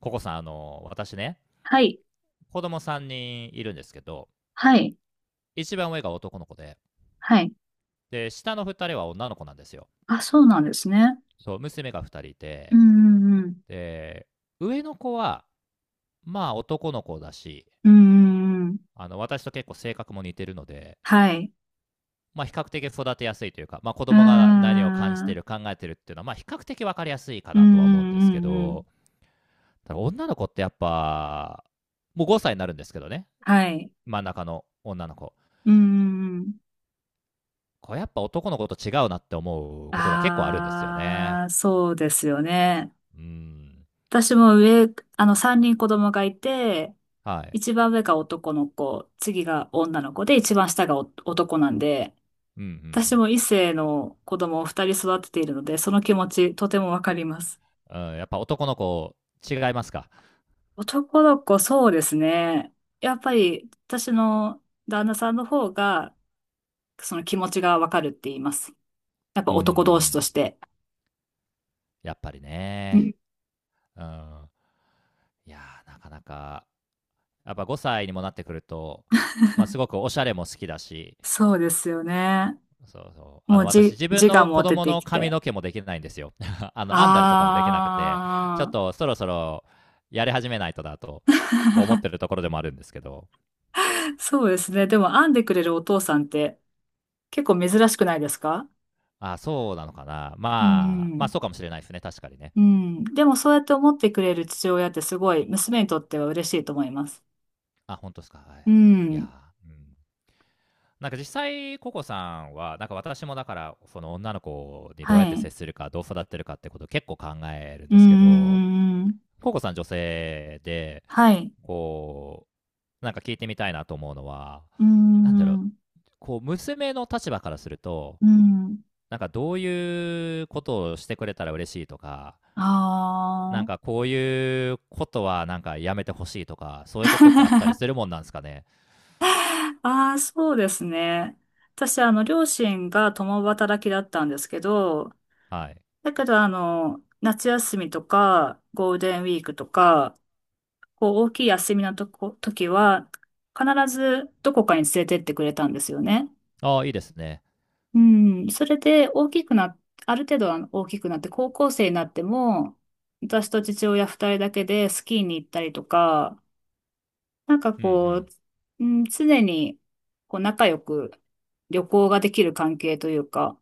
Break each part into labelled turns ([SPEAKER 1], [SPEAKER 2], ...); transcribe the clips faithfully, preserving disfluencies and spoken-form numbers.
[SPEAKER 1] ココさん、あのー、私ね、
[SPEAKER 2] はい。
[SPEAKER 1] 子供さんにんいるんですけど、
[SPEAKER 2] はい。
[SPEAKER 1] 一番上が男の子で、
[SPEAKER 2] はい。
[SPEAKER 1] で、下のふたりは女の子なんですよ。
[SPEAKER 2] あ、そうなんですね。
[SPEAKER 1] そう、娘がふたりい
[SPEAKER 2] うん
[SPEAKER 1] て、
[SPEAKER 2] うんうん。
[SPEAKER 1] で、上の子は、まあ男の子だし、
[SPEAKER 2] うんうんうん。
[SPEAKER 1] あの、私と結構性格も似てるので、
[SPEAKER 2] はい。
[SPEAKER 1] まあ比較的育てやすいというか、まあ子
[SPEAKER 2] う
[SPEAKER 1] 供が何を感じ
[SPEAKER 2] んう
[SPEAKER 1] て
[SPEAKER 2] ん
[SPEAKER 1] る、考えてるっていうのは、まあ比較的わかりやすいか
[SPEAKER 2] うん
[SPEAKER 1] なとは思うんです
[SPEAKER 2] う
[SPEAKER 1] け
[SPEAKER 2] んうん。
[SPEAKER 1] ど、ただ女の子ってやっぱ、もうごさいになるんですけどね、
[SPEAKER 2] はい。
[SPEAKER 1] 真ん中の女の子。
[SPEAKER 2] うんうんうんうんはいうんうん。
[SPEAKER 1] これやっぱ男の子と違うなって思うことが結構あるんですよ
[SPEAKER 2] あ
[SPEAKER 1] ね。
[SPEAKER 2] あ、そうですよね。
[SPEAKER 1] うん。
[SPEAKER 2] 私も上、あの、三人子供がいて、
[SPEAKER 1] はい。
[SPEAKER 2] 一番上が男の子、次が女の子で、一番下がお男なんで、
[SPEAKER 1] うんう
[SPEAKER 2] 私
[SPEAKER 1] ん
[SPEAKER 2] も異性の子供を二人育てているので、その気持ちとてもわかります。
[SPEAKER 1] うん。うん、やっぱ男の子違いますか？
[SPEAKER 2] 男の子、そうですね。やっぱり、私の旦那さんの方が、その気持ちがわかるって言います。やっぱ
[SPEAKER 1] うんう
[SPEAKER 2] 男同士と
[SPEAKER 1] ん。
[SPEAKER 2] して。
[SPEAKER 1] やっぱり
[SPEAKER 2] う
[SPEAKER 1] ね。
[SPEAKER 2] ん。
[SPEAKER 1] うん。いやー、なかなか、やっぱごさいにもなってくると、まあ、すごくおしゃれも好きだし、
[SPEAKER 2] そうですよね。
[SPEAKER 1] そうそう、あ
[SPEAKER 2] も
[SPEAKER 1] の、
[SPEAKER 2] う
[SPEAKER 1] 私
[SPEAKER 2] じ、
[SPEAKER 1] 自
[SPEAKER 2] 自
[SPEAKER 1] 分
[SPEAKER 2] 我
[SPEAKER 1] の子
[SPEAKER 2] も出
[SPEAKER 1] 供
[SPEAKER 2] て
[SPEAKER 1] の
[SPEAKER 2] き
[SPEAKER 1] 髪
[SPEAKER 2] て。
[SPEAKER 1] の毛もできないんですよ。あの、編んだりとかもできなくて、ちょっ
[SPEAKER 2] あ
[SPEAKER 1] とそろそろやり始めないとだと、こう思ってるところでもあるんですけど。
[SPEAKER 2] あ、そうですね。でも、編んでくれるお父さんって結構珍しくないですか？
[SPEAKER 1] あ、そうなのかな。
[SPEAKER 2] う
[SPEAKER 1] まあ、まあ、
[SPEAKER 2] ん。
[SPEAKER 1] そうかもしれないですね、確かにね。
[SPEAKER 2] うん。でも、そうやって思ってくれる父親ってすごい、娘にとっては嬉しいと思います。
[SPEAKER 1] あ、本当ですか。はい。
[SPEAKER 2] う
[SPEAKER 1] い
[SPEAKER 2] ん。
[SPEAKER 1] やー、うん。なんか実際、ココさんは、なんか私もだから、その女の子にどうやっ
[SPEAKER 2] は
[SPEAKER 1] て
[SPEAKER 2] い。
[SPEAKER 1] 接するか、どう育てるかってことを結構考えるん
[SPEAKER 2] う
[SPEAKER 1] ですけ
[SPEAKER 2] んうんう
[SPEAKER 1] ど、
[SPEAKER 2] んうん。
[SPEAKER 1] ココさん女性で、
[SPEAKER 2] はい。
[SPEAKER 1] こう、なんか聞いてみたいなと思うのは、
[SPEAKER 2] うー
[SPEAKER 1] なんだろう、
[SPEAKER 2] ん、
[SPEAKER 1] こう、娘の立場からすると、
[SPEAKER 2] うん、
[SPEAKER 1] なんかどういうことをしてくれたら嬉しいとか、
[SPEAKER 2] あ
[SPEAKER 1] なんかこういうことはなんかやめてほしいとか、そういうことってあったり
[SPEAKER 2] あ。
[SPEAKER 1] するも んなんですかね。
[SPEAKER 2] ああ、そうですね。私、あの、両親が共働きだったんですけど、
[SPEAKER 1] はい。
[SPEAKER 2] だけど、あの、夏休みとか、ゴールデンウィークとか、こう、大きい休みのとこ、時は、必ずどこかに連れてってくれたんですよね。
[SPEAKER 1] ああ、いいですね。
[SPEAKER 2] うん、それで、大きくな、ある程度は大きくなって、高校生になっても、私と父親二人だけでスキーに行ったりとか、なんか
[SPEAKER 1] うんう
[SPEAKER 2] こ
[SPEAKER 1] ん。
[SPEAKER 2] う、うん、常にこう仲良く旅行ができる関係というか、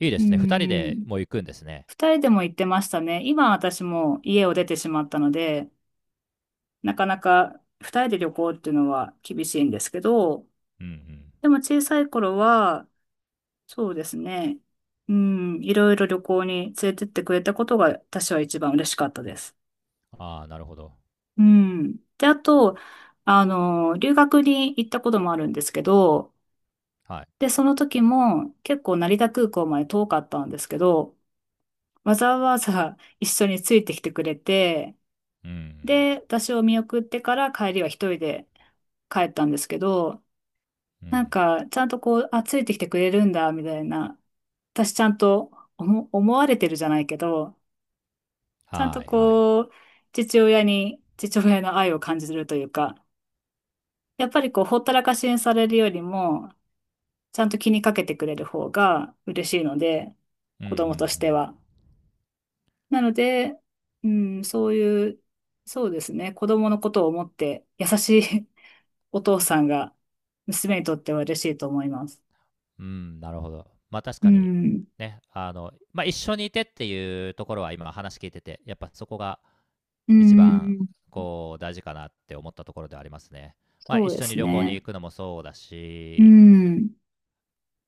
[SPEAKER 1] いいで
[SPEAKER 2] う
[SPEAKER 1] すね。ふたりで
[SPEAKER 2] ん、
[SPEAKER 1] もう行くんですね。
[SPEAKER 2] 二人でも行ってましたね。今私も家を出てしまったので、なかなか二人で旅行っていうのは厳しいんですけど、
[SPEAKER 1] うんうん。
[SPEAKER 2] でも小さい頃は、そうですね、うん、いろいろ旅行に連れてってくれたことが私は一番嬉しかったです。
[SPEAKER 1] ああ、なるほど。
[SPEAKER 2] うん。で、あと、あの、留学に行ったこともあるんですけど、
[SPEAKER 1] はい。
[SPEAKER 2] で、その時も結構成田空港まで遠かったんですけど、わざわざ一緒についてきてくれて、
[SPEAKER 1] うん
[SPEAKER 2] で、私を見送ってから帰りは一人で帰ったんですけど、
[SPEAKER 1] うん。う
[SPEAKER 2] なん
[SPEAKER 1] ん。
[SPEAKER 2] か、ちゃんとこう、あ、ついてきてくれるんだ、みたいな、私ちゃんと思、思われてるじゃないけど、ちゃん
[SPEAKER 1] は
[SPEAKER 2] と
[SPEAKER 1] いはい。
[SPEAKER 2] こう、父親に、父親の愛を感じるというか、やっぱりこう、ほったらかしにされるよりも、ちゃんと気にかけてくれる方が嬉しいので、
[SPEAKER 1] うんう
[SPEAKER 2] 子供として
[SPEAKER 1] ん
[SPEAKER 2] は。なので、うん、そういう、そうですね、子供のことを思って優しい お父さんが娘にとっては嬉しいと思います。
[SPEAKER 1] うん。うん、なるほど。まあ確
[SPEAKER 2] う
[SPEAKER 1] かに、
[SPEAKER 2] ん、
[SPEAKER 1] ね、あの、まあ一緒にいてっていうところは今話聞いてて、やっぱそこが
[SPEAKER 2] う
[SPEAKER 1] 一番
[SPEAKER 2] ん、
[SPEAKER 1] こう大事かなって思ったところではありますね。まあ
[SPEAKER 2] そう
[SPEAKER 1] 一
[SPEAKER 2] で
[SPEAKER 1] 緒に
[SPEAKER 2] す
[SPEAKER 1] 旅行に
[SPEAKER 2] ね。
[SPEAKER 1] 行くのもそうだ
[SPEAKER 2] う
[SPEAKER 1] し、
[SPEAKER 2] ん。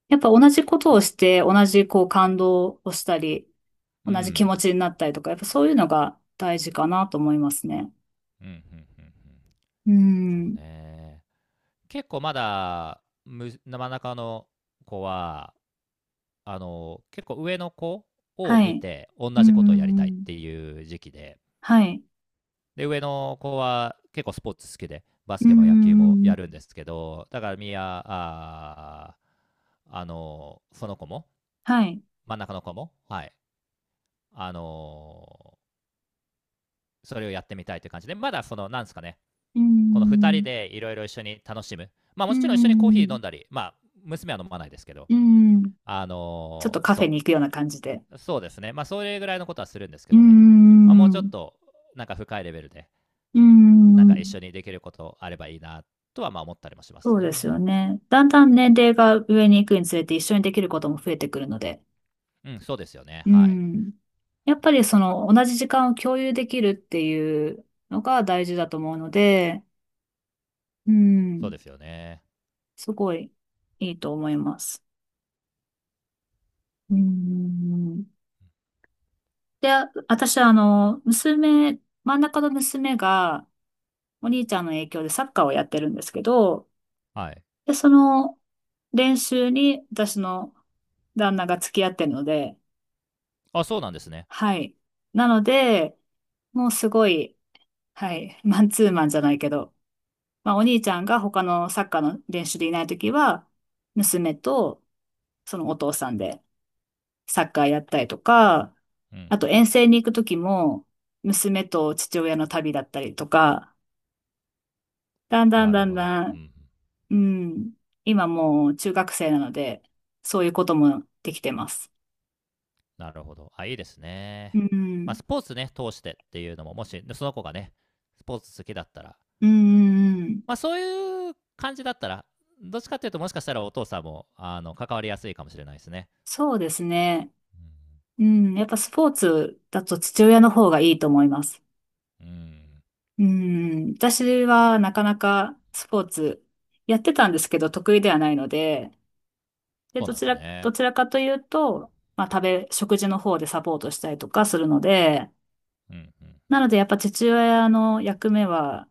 [SPEAKER 2] やっぱ同じことを
[SPEAKER 1] そ
[SPEAKER 2] して、同じこう感動をしたり、
[SPEAKER 1] う。
[SPEAKER 2] 同
[SPEAKER 1] う
[SPEAKER 2] じ気
[SPEAKER 1] ん。
[SPEAKER 2] 持ちになったりとか、やっぱそういうのが大事かなと思いますね。
[SPEAKER 1] うん、うん、うん、うん。
[SPEAKER 2] う
[SPEAKER 1] そ
[SPEAKER 2] ん。
[SPEAKER 1] うね。結構まだ、む真ん中の子は、あの、結構上の子を
[SPEAKER 2] は
[SPEAKER 1] 見
[SPEAKER 2] い。
[SPEAKER 1] て、同
[SPEAKER 2] う
[SPEAKER 1] じことをやりたいっ
[SPEAKER 2] ん。
[SPEAKER 1] ていう時期で、
[SPEAKER 2] はい。
[SPEAKER 1] で、上の子は結構スポーツ好きで、バ
[SPEAKER 2] う
[SPEAKER 1] ス
[SPEAKER 2] ー
[SPEAKER 1] ケも野球もやる
[SPEAKER 2] ん。
[SPEAKER 1] んですけど、だからみや、あーあの、その子も、
[SPEAKER 2] はい。
[SPEAKER 1] 真ん中の子も、はい、あの、それをやってみたいという感じで、まだその、なんですかね、
[SPEAKER 2] うー
[SPEAKER 1] この二人
[SPEAKER 2] ん。
[SPEAKER 1] でいろいろ一緒に楽しむ。まあ
[SPEAKER 2] う
[SPEAKER 1] も
[SPEAKER 2] ー
[SPEAKER 1] ちろん一緒にコーヒー飲
[SPEAKER 2] ん。
[SPEAKER 1] んだり、まあ娘は飲まないですけど、
[SPEAKER 2] うーん。
[SPEAKER 1] あ
[SPEAKER 2] ちょっと
[SPEAKER 1] のー
[SPEAKER 2] カフェ
[SPEAKER 1] そ
[SPEAKER 2] に行くような感じで。
[SPEAKER 1] う。そうですね。まあそれぐらいのことはするんですけ
[SPEAKER 2] うー
[SPEAKER 1] どね。まあもうちょっ
[SPEAKER 2] ん。
[SPEAKER 1] となんか深いレベルで、
[SPEAKER 2] うー
[SPEAKER 1] なんか一緒
[SPEAKER 2] ん。
[SPEAKER 1] にできることあればいいなとはまあ思ったりもしま
[SPEAKER 2] そ
[SPEAKER 1] す
[SPEAKER 2] うです
[SPEAKER 1] ね。
[SPEAKER 2] よね。だんだん年齢が上に行くにつれて一緒にできることも増えてくるので。
[SPEAKER 1] うん、そうですよね。
[SPEAKER 2] う
[SPEAKER 1] はい。
[SPEAKER 2] ん。やっぱりその同じ時間を共有できるっていうのが大事だと思うので、う
[SPEAKER 1] そう
[SPEAKER 2] ん。
[SPEAKER 1] ですよね。
[SPEAKER 2] すごいいいと思います。うん。で、私はあの、娘、真ん中の娘が、お兄ちゃんの影響でサッカーをやってるんですけど、
[SPEAKER 1] はい。
[SPEAKER 2] で、その練習に私の旦那が付き合ってるので、
[SPEAKER 1] あ、そうなんですね。
[SPEAKER 2] はい。なので、もうすごい、はい、マンツーマンじゃないけど、まあお兄ちゃんが他のサッカーの練習でいないときは、娘とそのお父さんでサッカーやったりとか、
[SPEAKER 1] うん、うん。
[SPEAKER 2] あと遠征に行くときも、娘と父親の旅だったりとか、だんだん
[SPEAKER 1] なる
[SPEAKER 2] だん
[SPEAKER 1] ほど。
[SPEAKER 2] だ
[SPEAKER 1] うん、う
[SPEAKER 2] ん。
[SPEAKER 1] ん。
[SPEAKER 2] うん。今もう中学生なので、そういうこともできてます。
[SPEAKER 1] なるほど。あ、いいです
[SPEAKER 2] う
[SPEAKER 1] ね。まあ
[SPEAKER 2] ん。
[SPEAKER 1] スポーツね、通してっていうのも、もしその子がね、スポーツ好きだったら、
[SPEAKER 2] うんうんうん。
[SPEAKER 1] まあ、そういう感じだったら、どっちかっていうと、もしかしたらお父さんもあの関わりやすいかもしれないですね。
[SPEAKER 2] そうですね。うん。やっぱスポーツだと父親の方がいいと思います。
[SPEAKER 1] うん、うん
[SPEAKER 2] うん。私はなかなかスポーツやってたんですけど、得意ではないので、で、
[SPEAKER 1] そう
[SPEAKER 2] ど
[SPEAKER 1] なん
[SPEAKER 2] ち
[SPEAKER 1] です
[SPEAKER 2] ら、ど
[SPEAKER 1] ね。
[SPEAKER 2] ちらかというと、まあ、食べ、食事の方でサポートしたりとかするので、
[SPEAKER 1] うん、うん、
[SPEAKER 2] な
[SPEAKER 1] う
[SPEAKER 2] ので、やっぱ父親の役目は、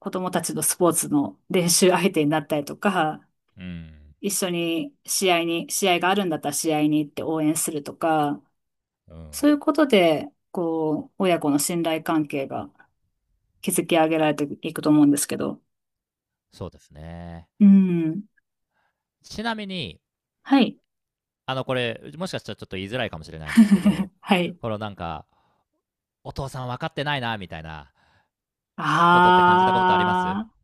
[SPEAKER 2] 子供たちのスポーツの練習相手になったりとか、
[SPEAKER 1] ん。
[SPEAKER 2] 一緒に試合に、試合があるんだったら試合に行って応援するとか、
[SPEAKER 1] うん、うん。
[SPEAKER 2] そういうことで、こう、親子の信頼関係が築き上げられていくと思うんですけど。
[SPEAKER 1] そうですね。
[SPEAKER 2] うん。
[SPEAKER 1] ちなみに、
[SPEAKER 2] はい。
[SPEAKER 1] あの、これ、もしかしたらちょっと言いづらいかもしれないんですけど、
[SPEAKER 2] はい。
[SPEAKER 1] このなんか、お父さん分かってないな、みたいなことって感じたことあります？
[SPEAKER 2] ああ、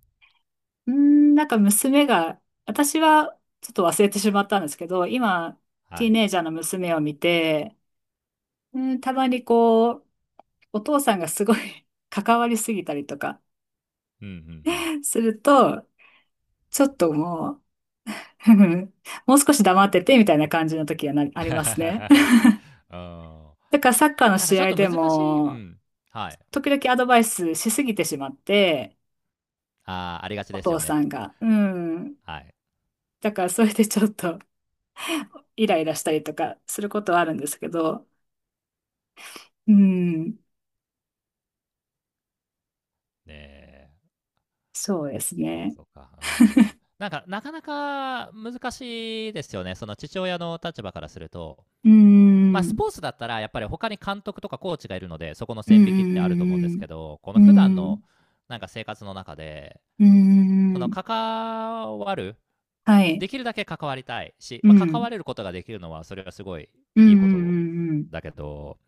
[SPEAKER 2] うーん、なんか娘が、私はちょっと忘れてしまったんですけど、今、
[SPEAKER 1] は
[SPEAKER 2] ティー
[SPEAKER 1] い。
[SPEAKER 2] ネイジャーの娘を見て、うん、たまにこう、お父さんがすごい 関わりすぎたりとか
[SPEAKER 1] うん、うん、うん。
[SPEAKER 2] すると、ちょっともう、もう少し黙っててみたいな感じの時はな、ありますね。
[SPEAKER 1] うん
[SPEAKER 2] だからサッカーの
[SPEAKER 1] なんか
[SPEAKER 2] 試
[SPEAKER 1] ちょっ
[SPEAKER 2] 合
[SPEAKER 1] と
[SPEAKER 2] で
[SPEAKER 1] 難しい、う
[SPEAKER 2] も、
[SPEAKER 1] ん。はい。
[SPEAKER 2] 時々アドバイスしすぎてしまって、
[SPEAKER 1] あーありがち
[SPEAKER 2] お
[SPEAKER 1] です
[SPEAKER 2] 父
[SPEAKER 1] よね。
[SPEAKER 2] さんが。うん。
[SPEAKER 1] はい。
[SPEAKER 2] だからそれでちょっと イライラしたりとかすることはあるんですけど、うん。
[SPEAKER 1] ねえ。
[SPEAKER 2] そうです
[SPEAKER 1] そうか、
[SPEAKER 2] ね。
[SPEAKER 1] そうか。うん。なんか、なかなか難しいですよね。その父親の立場からすると。
[SPEAKER 2] う
[SPEAKER 1] まあ、ス
[SPEAKER 2] ん。
[SPEAKER 1] ポーツだったら、やっぱり他に監督とかコーチがいるので、そこの
[SPEAKER 2] う
[SPEAKER 1] 線引きってあると思うんです
[SPEAKER 2] ん。
[SPEAKER 1] けど、こ
[SPEAKER 2] う
[SPEAKER 1] の普段
[SPEAKER 2] ん。う
[SPEAKER 1] の、
[SPEAKER 2] ん。
[SPEAKER 1] なんか生活の中で、
[SPEAKER 2] うん。うん。
[SPEAKER 1] その
[SPEAKER 2] うん。
[SPEAKER 1] 関わる、
[SPEAKER 2] はい。
[SPEAKER 1] できるだけ関わりたいし、
[SPEAKER 2] う
[SPEAKER 1] まあ、関
[SPEAKER 2] ん。
[SPEAKER 1] われることができるのは、それはすごい
[SPEAKER 2] う
[SPEAKER 1] い
[SPEAKER 2] ん
[SPEAKER 1] いこと
[SPEAKER 2] うん
[SPEAKER 1] だけど、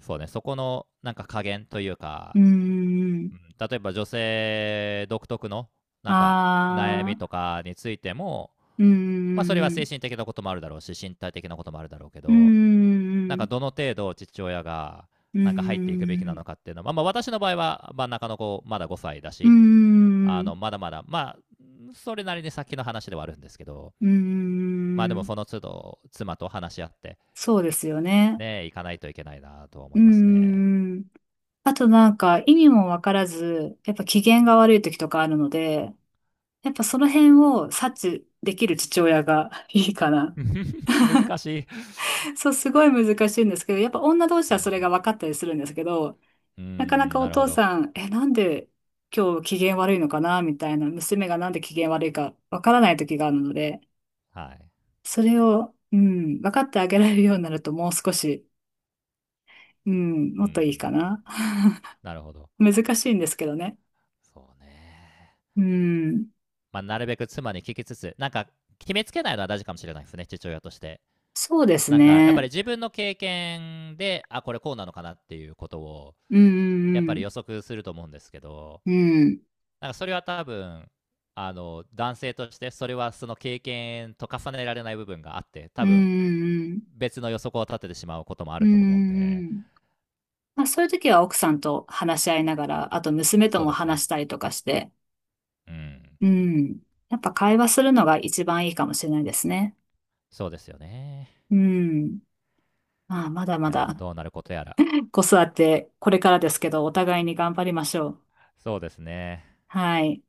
[SPEAKER 1] そうね、そこの、なんか加減という
[SPEAKER 2] うん
[SPEAKER 1] か、
[SPEAKER 2] うん。うんうんうん。
[SPEAKER 1] 例えば女性独特のなんか悩
[SPEAKER 2] あ
[SPEAKER 1] み
[SPEAKER 2] あ、
[SPEAKER 1] とかについても、
[SPEAKER 2] う
[SPEAKER 1] まあ、それは精
[SPEAKER 2] ん
[SPEAKER 1] 神的なこともあるだろうし身体的なこともあるだろうけ
[SPEAKER 2] うん
[SPEAKER 1] どなん
[SPEAKER 2] う
[SPEAKER 1] か
[SPEAKER 2] ん。
[SPEAKER 1] どの程度父親が
[SPEAKER 2] うんう
[SPEAKER 1] なんか入ってい
[SPEAKER 2] ん
[SPEAKER 1] くべき
[SPEAKER 2] う
[SPEAKER 1] なのかっ
[SPEAKER 2] ん。
[SPEAKER 1] ていうのは、まあ、私の場合は真ん中の子まだごさいだ
[SPEAKER 2] うん
[SPEAKER 1] し
[SPEAKER 2] うん
[SPEAKER 1] あ
[SPEAKER 2] う
[SPEAKER 1] の
[SPEAKER 2] ん。
[SPEAKER 1] まだまだまあそれなりに先の話ではあるんですけど
[SPEAKER 2] う
[SPEAKER 1] まあでも
[SPEAKER 2] ん。
[SPEAKER 1] その都度妻と話し合って
[SPEAKER 2] そうですよね。
[SPEAKER 1] ね行かないといけないなとは思
[SPEAKER 2] う
[SPEAKER 1] いますね。
[SPEAKER 2] ん。あとなんか意味もわからず、やっぱ機嫌が悪い時とかあるので、やっぱその辺を察知できる父親がいいかな。
[SPEAKER 1] 難しい。
[SPEAKER 2] そう、すごい難しいんですけど、やっぱ女同士
[SPEAKER 1] う
[SPEAKER 2] はそれが
[SPEAKER 1] ん、
[SPEAKER 2] 分かったりするんですけど、
[SPEAKER 1] う
[SPEAKER 2] なかな
[SPEAKER 1] ん
[SPEAKER 2] かお
[SPEAKER 1] なるほ
[SPEAKER 2] 父
[SPEAKER 1] ど。
[SPEAKER 2] さん、え、なんで今日機嫌悪いのかなみたいな、娘がなんで機嫌悪いかわからない時があるので、
[SPEAKER 1] はい。
[SPEAKER 2] それを、うん、分かってあげられるようになるともう少し、うん、
[SPEAKER 1] うん
[SPEAKER 2] も
[SPEAKER 1] うん
[SPEAKER 2] っ
[SPEAKER 1] う
[SPEAKER 2] と
[SPEAKER 1] ん。
[SPEAKER 2] いいかな。
[SPEAKER 1] なるほど。
[SPEAKER 2] 難しいんですけどね。
[SPEAKER 1] そうね。
[SPEAKER 2] うん、
[SPEAKER 1] まあ、なるべく妻に聞きつつ、なんか、決めつけないのは大事かもしれないですね、父親として。
[SPEAKER 2] そうです
[SPEAKER 1] なんか、やっぱり
[SPEAKER 2] ね。
[SPEAKER 1] 自分の経験で、あ、これこうなのかなっていうことを、
[SPEAKER 2] うん
[SPEAKER 1] やっ
[SPEAKER 2] う
[SPEAKER 1] ぱり
[SPEAKER 2] ん
[SPEAKER 1] 予測すると思うんですけど、
[SPEAKER 2] うん。
[SPEAKER 1] なんかそれは多分、あの、男性として、それはその経験と重ねられない部分があって、多
[SPEAKER 2] うん。
[SPEAKER 1] 分、
[SPEAKER 2] うん
[SPEAKER 1] 別の予測を立ててしまうこともあ
[SPEAKER 2] うん
[SPEAKER 1] る
[SPEAKER 2] うん。
[SPEAKER 1] と思うん
[SPEAKER 2] うん
[SPEAKER 1] で、
[SPEAKER 2] うんうん。まあそういう時は奥さんと話し合いながら、あと娘と
[SPEAKER 1] そう
[SPEAKER 2] も
[SPEAKER 1] です
[SPEAKER 2] 話
[SPEAKER 1] ね。
[SPEAKER 2] したりとかして、
[SPEAKER 1] うん。
[SPEAKER 2] うん。やっぱ会話するのが一番いいかもしれないですね。
[SPEAKER 1] そうですよね。
[SPEAKER 2] うん。まあ、まだ
[SPEAKER 1] い
[SPEAKER 2] ま
[SPEAKER 1] やー
[SPEAKER 2] だ
[SPEAKER 1] どうなることやら。
[SPEAKER 2] 子育てこれからですけど、お互いに頑張りましょう。
[SPEAKER 1] そうですね。
[SPEAKER 2] はい。